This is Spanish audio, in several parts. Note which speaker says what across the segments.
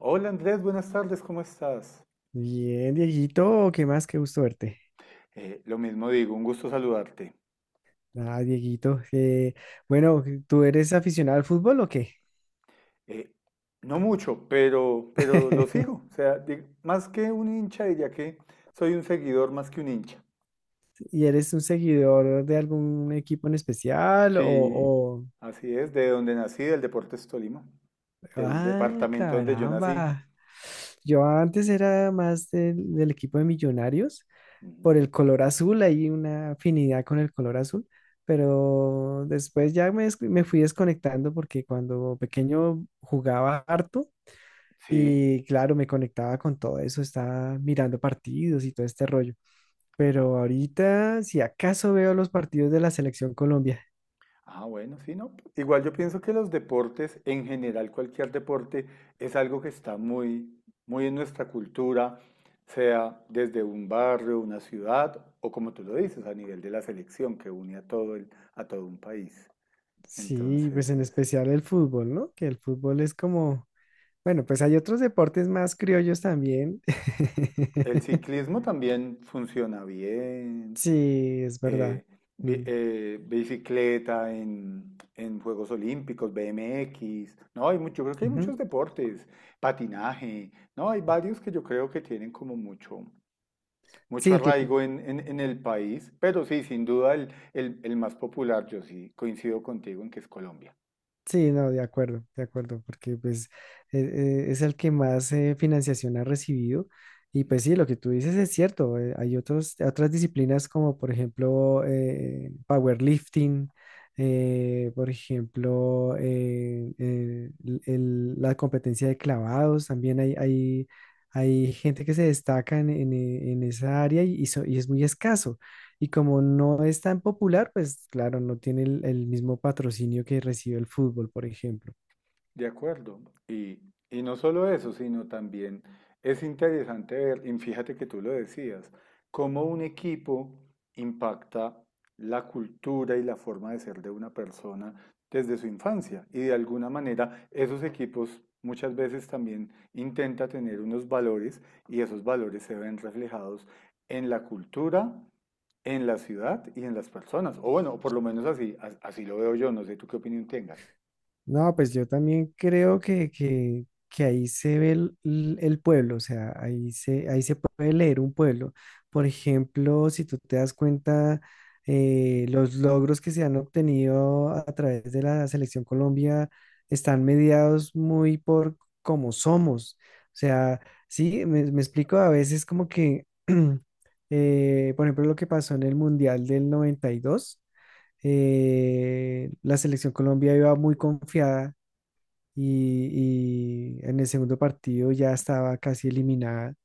Speaker 1: Hola Andrés, buenas tardes, ¿cómo estás?
Speaker 2: Bien, Dieguito, ¿qué más? Qué gusto verte.
Speaker 1: Lo mismo digo, un gusto saludarte.
Speaker 2: Ah, Dieguito, bueno, ¿tú eres aficionado al fútbol o qué?
Speaker 1: Eh, no mucho, pero lo sigo. O sea, más que un hincha, diría que soy un seguidor más que un hincha.
Speaker 2: ¿Y eres un seguidor de algún equipo en especial? O,
Speaker 1: Sí,
Speaker 2: o...
Speaker 1: así es, de donde nací, del Deportes Tolima, del
Speaker 2: Ah,
Speaker 1: departamento donde yo nací.
Speaker 2: caramba. Yo antes era más del equipo de Millonarios
Speaker 1: Ujú.
Speaker 2: por el color azul, hay una afinidad con el color azul, pero después ya me fui desconectando porque cuando pequeño jugaba harto.
Speaker 1: Sí.
Speaker 2: Y claro, me conectaba con todo eso, estaba mirando partidos y todo este rollo. Pero ahorita, si acaso veo los partidos de la selección Colombia,
Speaker 1: Ah, bueno, sí, no. Igual yo pienso que los deportes, en general, cualquier deporte, es algo que está muy en nuestra cultura, sea desde un barrio, una ciudad, o como tú lo dices, a nivel de la selección que une a a todo un país.
Speaker 2: sí, pues
Speaker 1: Entonces,
Speaker 2: en
Speaker 1: es-
Speaker 2: especial el fútbol, ¿no? Que el fútbol es como, bueno, pues hay otros deportes más criollos también.
Speaker 1: el ciclismo también funciona bien.
Speaker 2: Sí, es verdad.
Speaker 1: eh,
Speaker 2: Mm,
Speaker 1: Bicicleta, en Juegos Olímpicos, BMX, ¿no? Hay mucho, yo creo que hay muchos
Speaker 2: ujú.
Speaker 1: deportes, patinaje, ¿no? Hay varios que yo creo que tienen como mucho
Speaker 2: Sí, que te-
Speaker 1: arraigo en, en el país, pero sí, sin duda el más popular, yo sí coincido contigo en que es Colombia.
Speaker 2: Sí, no, de acuerdo, porque pues es el que más financiación ha recibido y pues sí, lo que tú dices es cierto, hay otros, otras disciplinas como por ejemplo powerlifting, por ejemplo la competencia de clavados, también hay gente que se destaca en esa área y, y es muy escaso. Y como no es tan popular, pues claro, no tiene el mismo patrocinio que recibe el fútbol, por ejemplo.
Speaker 1: De acuerdo. Y, y no solo eso, sino también es interesante ver, y fíjate que tú lo decías, cómo un equipo impacta la cultura y la forma de ser de una persona desde su infancia. Y de alguna manera esos equipos muchas veces también intenta tener unos valores y esos valores se ven reflejados en la cultura, en la ciudad y en las personas. O bueno, por lo menos así lo veo yo. No sé tú qué opinión tengas.
Speaker 2: No, pues yo también creo que ahí se ve el pueblo, o sea, ahí se puede leer un pueblo. Por ejemplo, si tú te das cuenta, los logros que se han obtenido a través de la Selección Colombia están mediados muy por cómo somos. O sea, sí, me explico a veces como que, por ejemplo, lo que pasó en el Mundial del 92 la selección Colombia iba muy confiada y en el segundo partido ya estaba casi eliminada.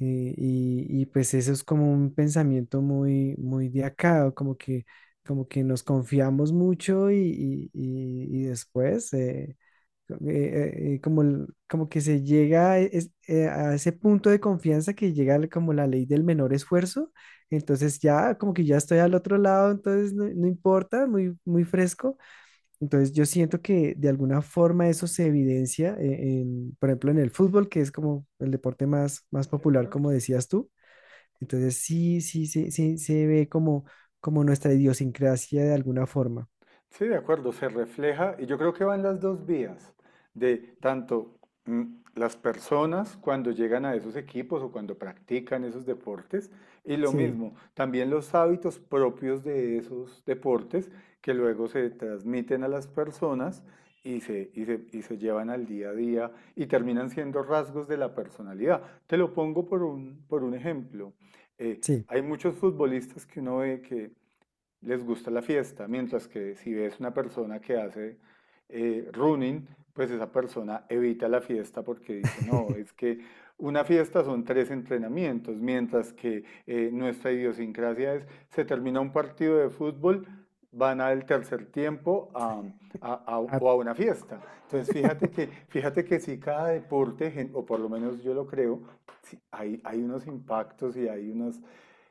Speaker 2: Y pues eso es como un pensamiento muy, muy de acá, como que nos confiamos mucho y, y después como, como que se llega a, a ese punto de confianza que llega como la ley del menor esfuerzo, entonces ya como que ya estoy al otro lado, entonces no, no importa, muy, muy fresco. Entonces yo siento que de alguna forma eso se evidencia en, por ejemplo, en el fútbol, que es como el deporte más, más
Speaker 1: De
Speaker 2: popular,
Speaker 1: acuerdo.
Speaker 2: como decías tú. Entonces sí, sí, sí, sí, se ve como, como nuestra idiosincrasia de alguna forma.
Speaker 1: Sí, de acuerdo, se refleja y yo creo que van las dos vías, de tanto mm, las personas cuando llegan a esos equipos o cuando practican esos deportes y lo
Speaker 2: Sí,
Speaker 1: mismo, también los hábitos propios de esos deportes que luego se transmiten a las personas y se llevan al día a día y terminan siendo rasgos de la personalidad. Te lo pongo por por un ejemplo.
Speaker 2: sí.
Speaker 1: Hay muchos futbolistas que uno ve que les gusta la fiesta, mientras que si ves una persona que hace running, pues esa persona evita la fiesta porque dice, no, es que una fiesta son tres entrenamientos, mientras que nuestra idiosincrasia es, se termina un partido de fútbol, van al tercer tiempo a,
Speaker 2: Ah,
Speaker 1: o a una fiesta. Entonces, fíjate que si cada deporte, o por lo menos yo lo creo, sí, hay unos impactos y hay unos,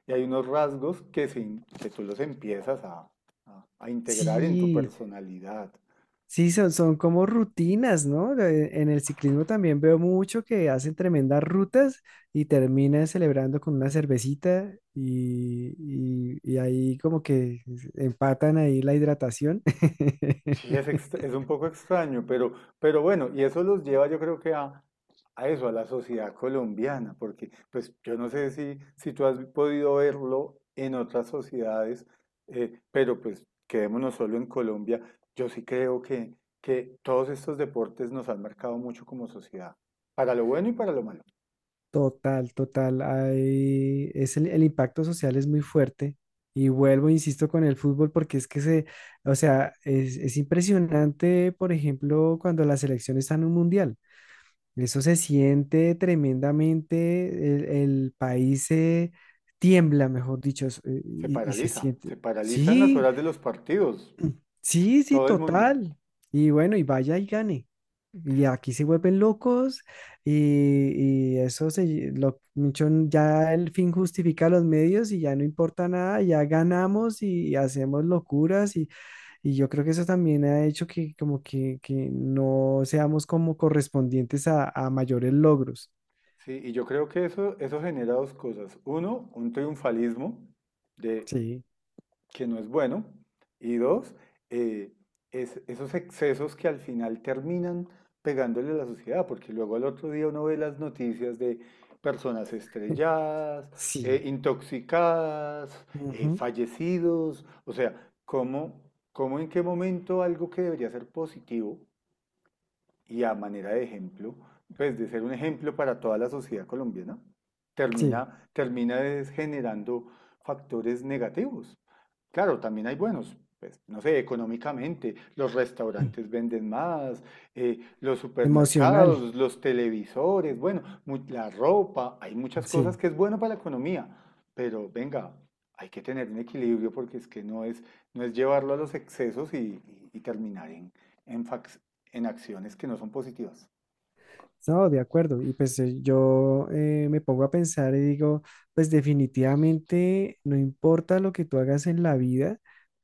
Speaker 1: y hay unos rasgos que, se que tú los empiezas a, a integrar en tu
Speaker 2: sí.
Speaker 1: personalidad.
Speaker 2: Sí, son, son como rutinas, ¿no? En el ciclismo también veo mucho que hacen tremendas rutas y terminan celebrando con una cervecita y, y ahí como que empatan ahí la hidratación.
Speaker 1: Sí, es un poco extraño, pero bueno, y eso los lleva yo creo que a eso, a la sociedad colombiana, porque pues yo no sé si, si tú has podido verlo en otras sociedades, pero pues quedémonos solo en Colombia. Yo sí creo que todos estos deportes nos han marcado mucho como sociedad, para lo bueno y para lo malo.
Speaker 2: Total, total. Hay, es el impacto social es muy fuerte. Y vuelvo, insisto, con el fútbol porque es que se, o sea, es impresionante, por ejemplo, cuando la selección está en un mundial. Eso se siente tremendamente, el país se tiembla, mejor dicho, y se siente.
Speaker 1: Se paraliza en las
Speaker 2: Sí,
Speaker 1: horas de los partidos,
Speaker 2: sí, sí,
Speaker 1: todo el mundo.
Speaker 2: total. Y bueno, y vaya y gane. Y aquí se vuelven locos y eso se, ya el fin justifica los medios y ya no importa nada, ya ganamos y, hacemos locuras y yo creo que eso también ha hecho que como que no seamos como correspondientes a mayores logros.
Speaker 1: Sí, y yo creo que eso genera dos cosas. Uno, un triunfalismo de
Speaker 2: Sí,
Speaker 1: que no es bueno. Y dos, eh, esos excesos que al final terminan pegándole a la sociedad, porque luego al otro día uno ve las noticias de personas estrelladas,
Speaker 2: sí,
Speaker 1: intoxicadas,
Speaker 2: ujú,
Speaker 1: fallecidos, o sea, ¿cómo, cómo en qué momento algo que debería ser positivo y a manera de ejemplo, pues de ser un ejemplo para toda la sociedad colombiana,
Speaker 2: sí,
Speaker 1: termina es generando factores negativos. Claro, también hay buenos, pues, no sé, económicamente, los
Speaker 2: mm,
Speaker 1: restaurantes venden más, los
Speaker 2: emocional,
Speaker 1: supermercados, los televisores, bueno, la ropa, hay muchas cosas
Speaker 2: sí,
Speaker 1: que es bueno para la economía, pero venga, hay que tener un equilibrio porque es que no es llevarlo a los excesos y, y terminar en, en fac- en acciones que no son positivas.
Speaker 2: no, de acuerdo. Y pues yo me pongo a pensar y digo, pues definitivamente no importa lo que tú hagas en la vida,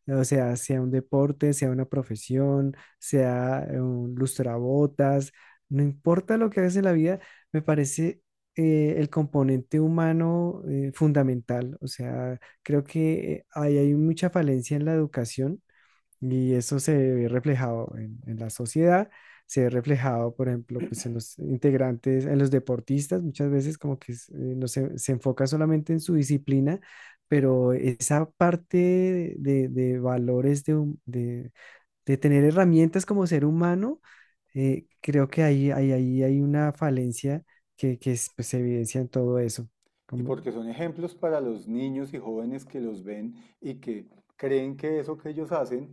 Speaker 2: o sea, sea un deporte, sea una profesión, sea un lustrabotas, no importa lo que hagas en la vida, me parece el componente humano fundamental. O sea, creo que ahí hay mucha falencia en la educación. Y eso se ve reflejado en la sociedad, se ve reflejado, por ejemplo, pues en los integrantes, en los deportistas, muchas veces como que no se, se enfoca solamente en su disciplina, pero esa parte de valores, de tener herramientas como ser humano, creo que ahí hay una falencia que, pues, se evidencia en todo eso.
Speaker 1: Y
Speaker 2: Como,
Speaker 1: porque son ejemplos para los niños y jóvenes que los ven y que creen que eso que ellos hacen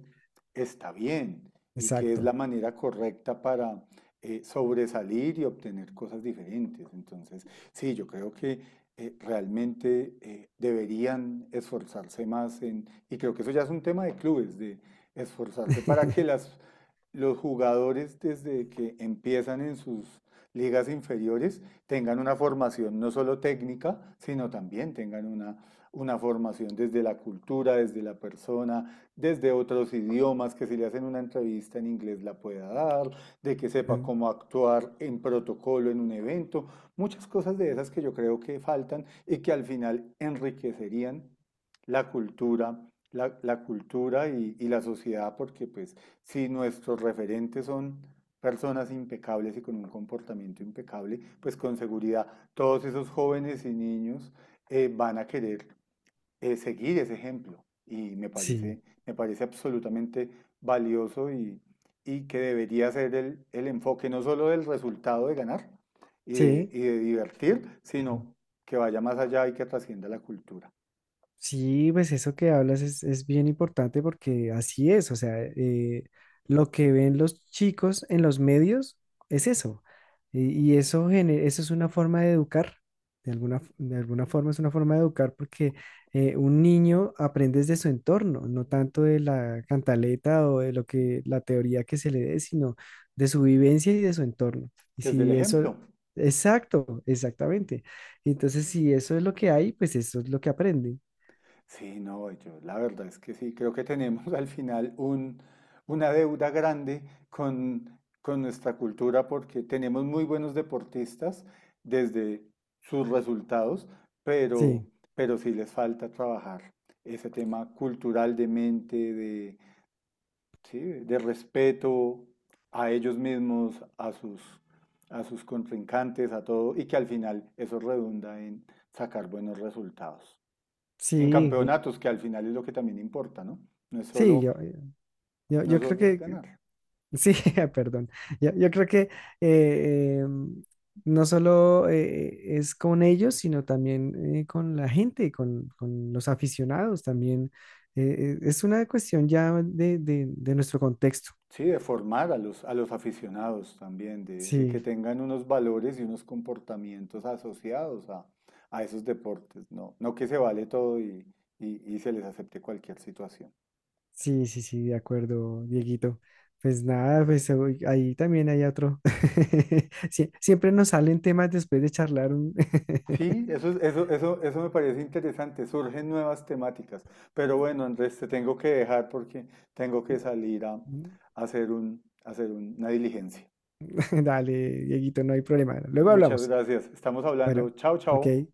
Speaker 1: está bien y que es
Speaker 2: exacto.
Speaker 1: la manera correcta para sobresalir y obtener cosas diferentes. Entonces, sí, yo creo que realmente deberían esforzarse más en, y creo que eso ya es un tema de clubes, de esforzarse para que los jugadores desde que empiezan en sus ligas inferiores tengan una formación no solo técnica, sino también tengan una formación desde la cultura, desde la persona, desde otros idiomas, que si le hacen una entrevista en inglés la pueda dar, de que sepa cómo actuar en protocolo en un evento, muchas cosas de esas que yo creo que faltan y que al final enriquecerían la cultura, la cultura y la sociedad, porque pues si nuestros referentes son personas impecables y con un comportamiento impecable, pues con seguridad todos esos jóvenes y niños van a querer seguir ese ejemplo. Y
Speaker 2: Sí,
Speaker 1: me parece absolutamente valioso y que debería ser enfoque no solo del resultado de ganar
Speaker 2: sí.
Speaker 1: y de divertir, sino que vaya más allá y que trascienda la cultura.
Speaker 2: Sí, pues eso que hablas es bien importante porque así es, o sea, lo que ven los chicos en los medios es eso, y eso, eso es una forma de educar, de alguna, de alguna forma es una forma de educar porque un niño aprende de su entorno, no tanto de la cantaleta o de lo que, la teoría que se le dé, sino de su vivencia y de su entorno. Y
Speaker 1: Desde el
Speaker 2: si eso,
Speaker 1: ejemplo.
Speaker 2: exacto, exactamente. Entonces, si eso es lo que hay, pues eso es lo que aprende.
Speaker 1: Sí, no, yo la verdad es que sí, creo que tenemos al final un, una deuda grande con nuestra cultura porque tenemos muy buenos deportistas desde sus resultados, pero,
Speaker 2: Sí,
Speaker 1: pero sí les falta trabajar ese tema cultural de mente, de, sí, de respeto a ellos mismos, a sus contrincantes, a todo, y que al final eso redunda en sacar buenos resultados en
Speaker 2: sí, y-
Speaker 1: campeonatos, que al final es lo que también importa, ¿no? No es
Speaker 2: sí,
Speaker 1: solo, no
Speaker 2: yo
Speaker 1: es
Speaker 2: creo
Speaker 1: solo es ganar.
Speaker 2: sí, perdón, yo creo que eh, eh, no solo es con ellos, sino también con la gente, con los aficionados también. Es una cuestión ya de nuestro contexto.
Speaker 1: Sí, de formar a a los aficionados también, de que
Speaker 2: Sí,
Speaker 1: tengan unos valores y unos comportamientos asociados a esos deportes, ¿no? No que se vale todo y, y se les acepte cualquier situación.
Speaker 2: sí, sí, sí, de acuerdo, Dieguito. Pues nada, pues uy, ahí también hay otro. Siempre nos salen temas después de charlar un...
Speaker 1: Sí, eso, es- eso me parece interesante, surgen nuevas temáticas. Pero bueno, Andrés, te tengo que dejar porque tengo que salir a a hacer una diligencia.
Speaker 2: Dale, Dieguito, no hay problema. Luego
Speaker 1: Muchas
Speaker 2: hablamos.
Speaker 1: gracias. Estamos hablando.
Speaker 2: Bueno,
Speaker 1: Chao,
Speaker 2: ok.
Speaker 1: chao.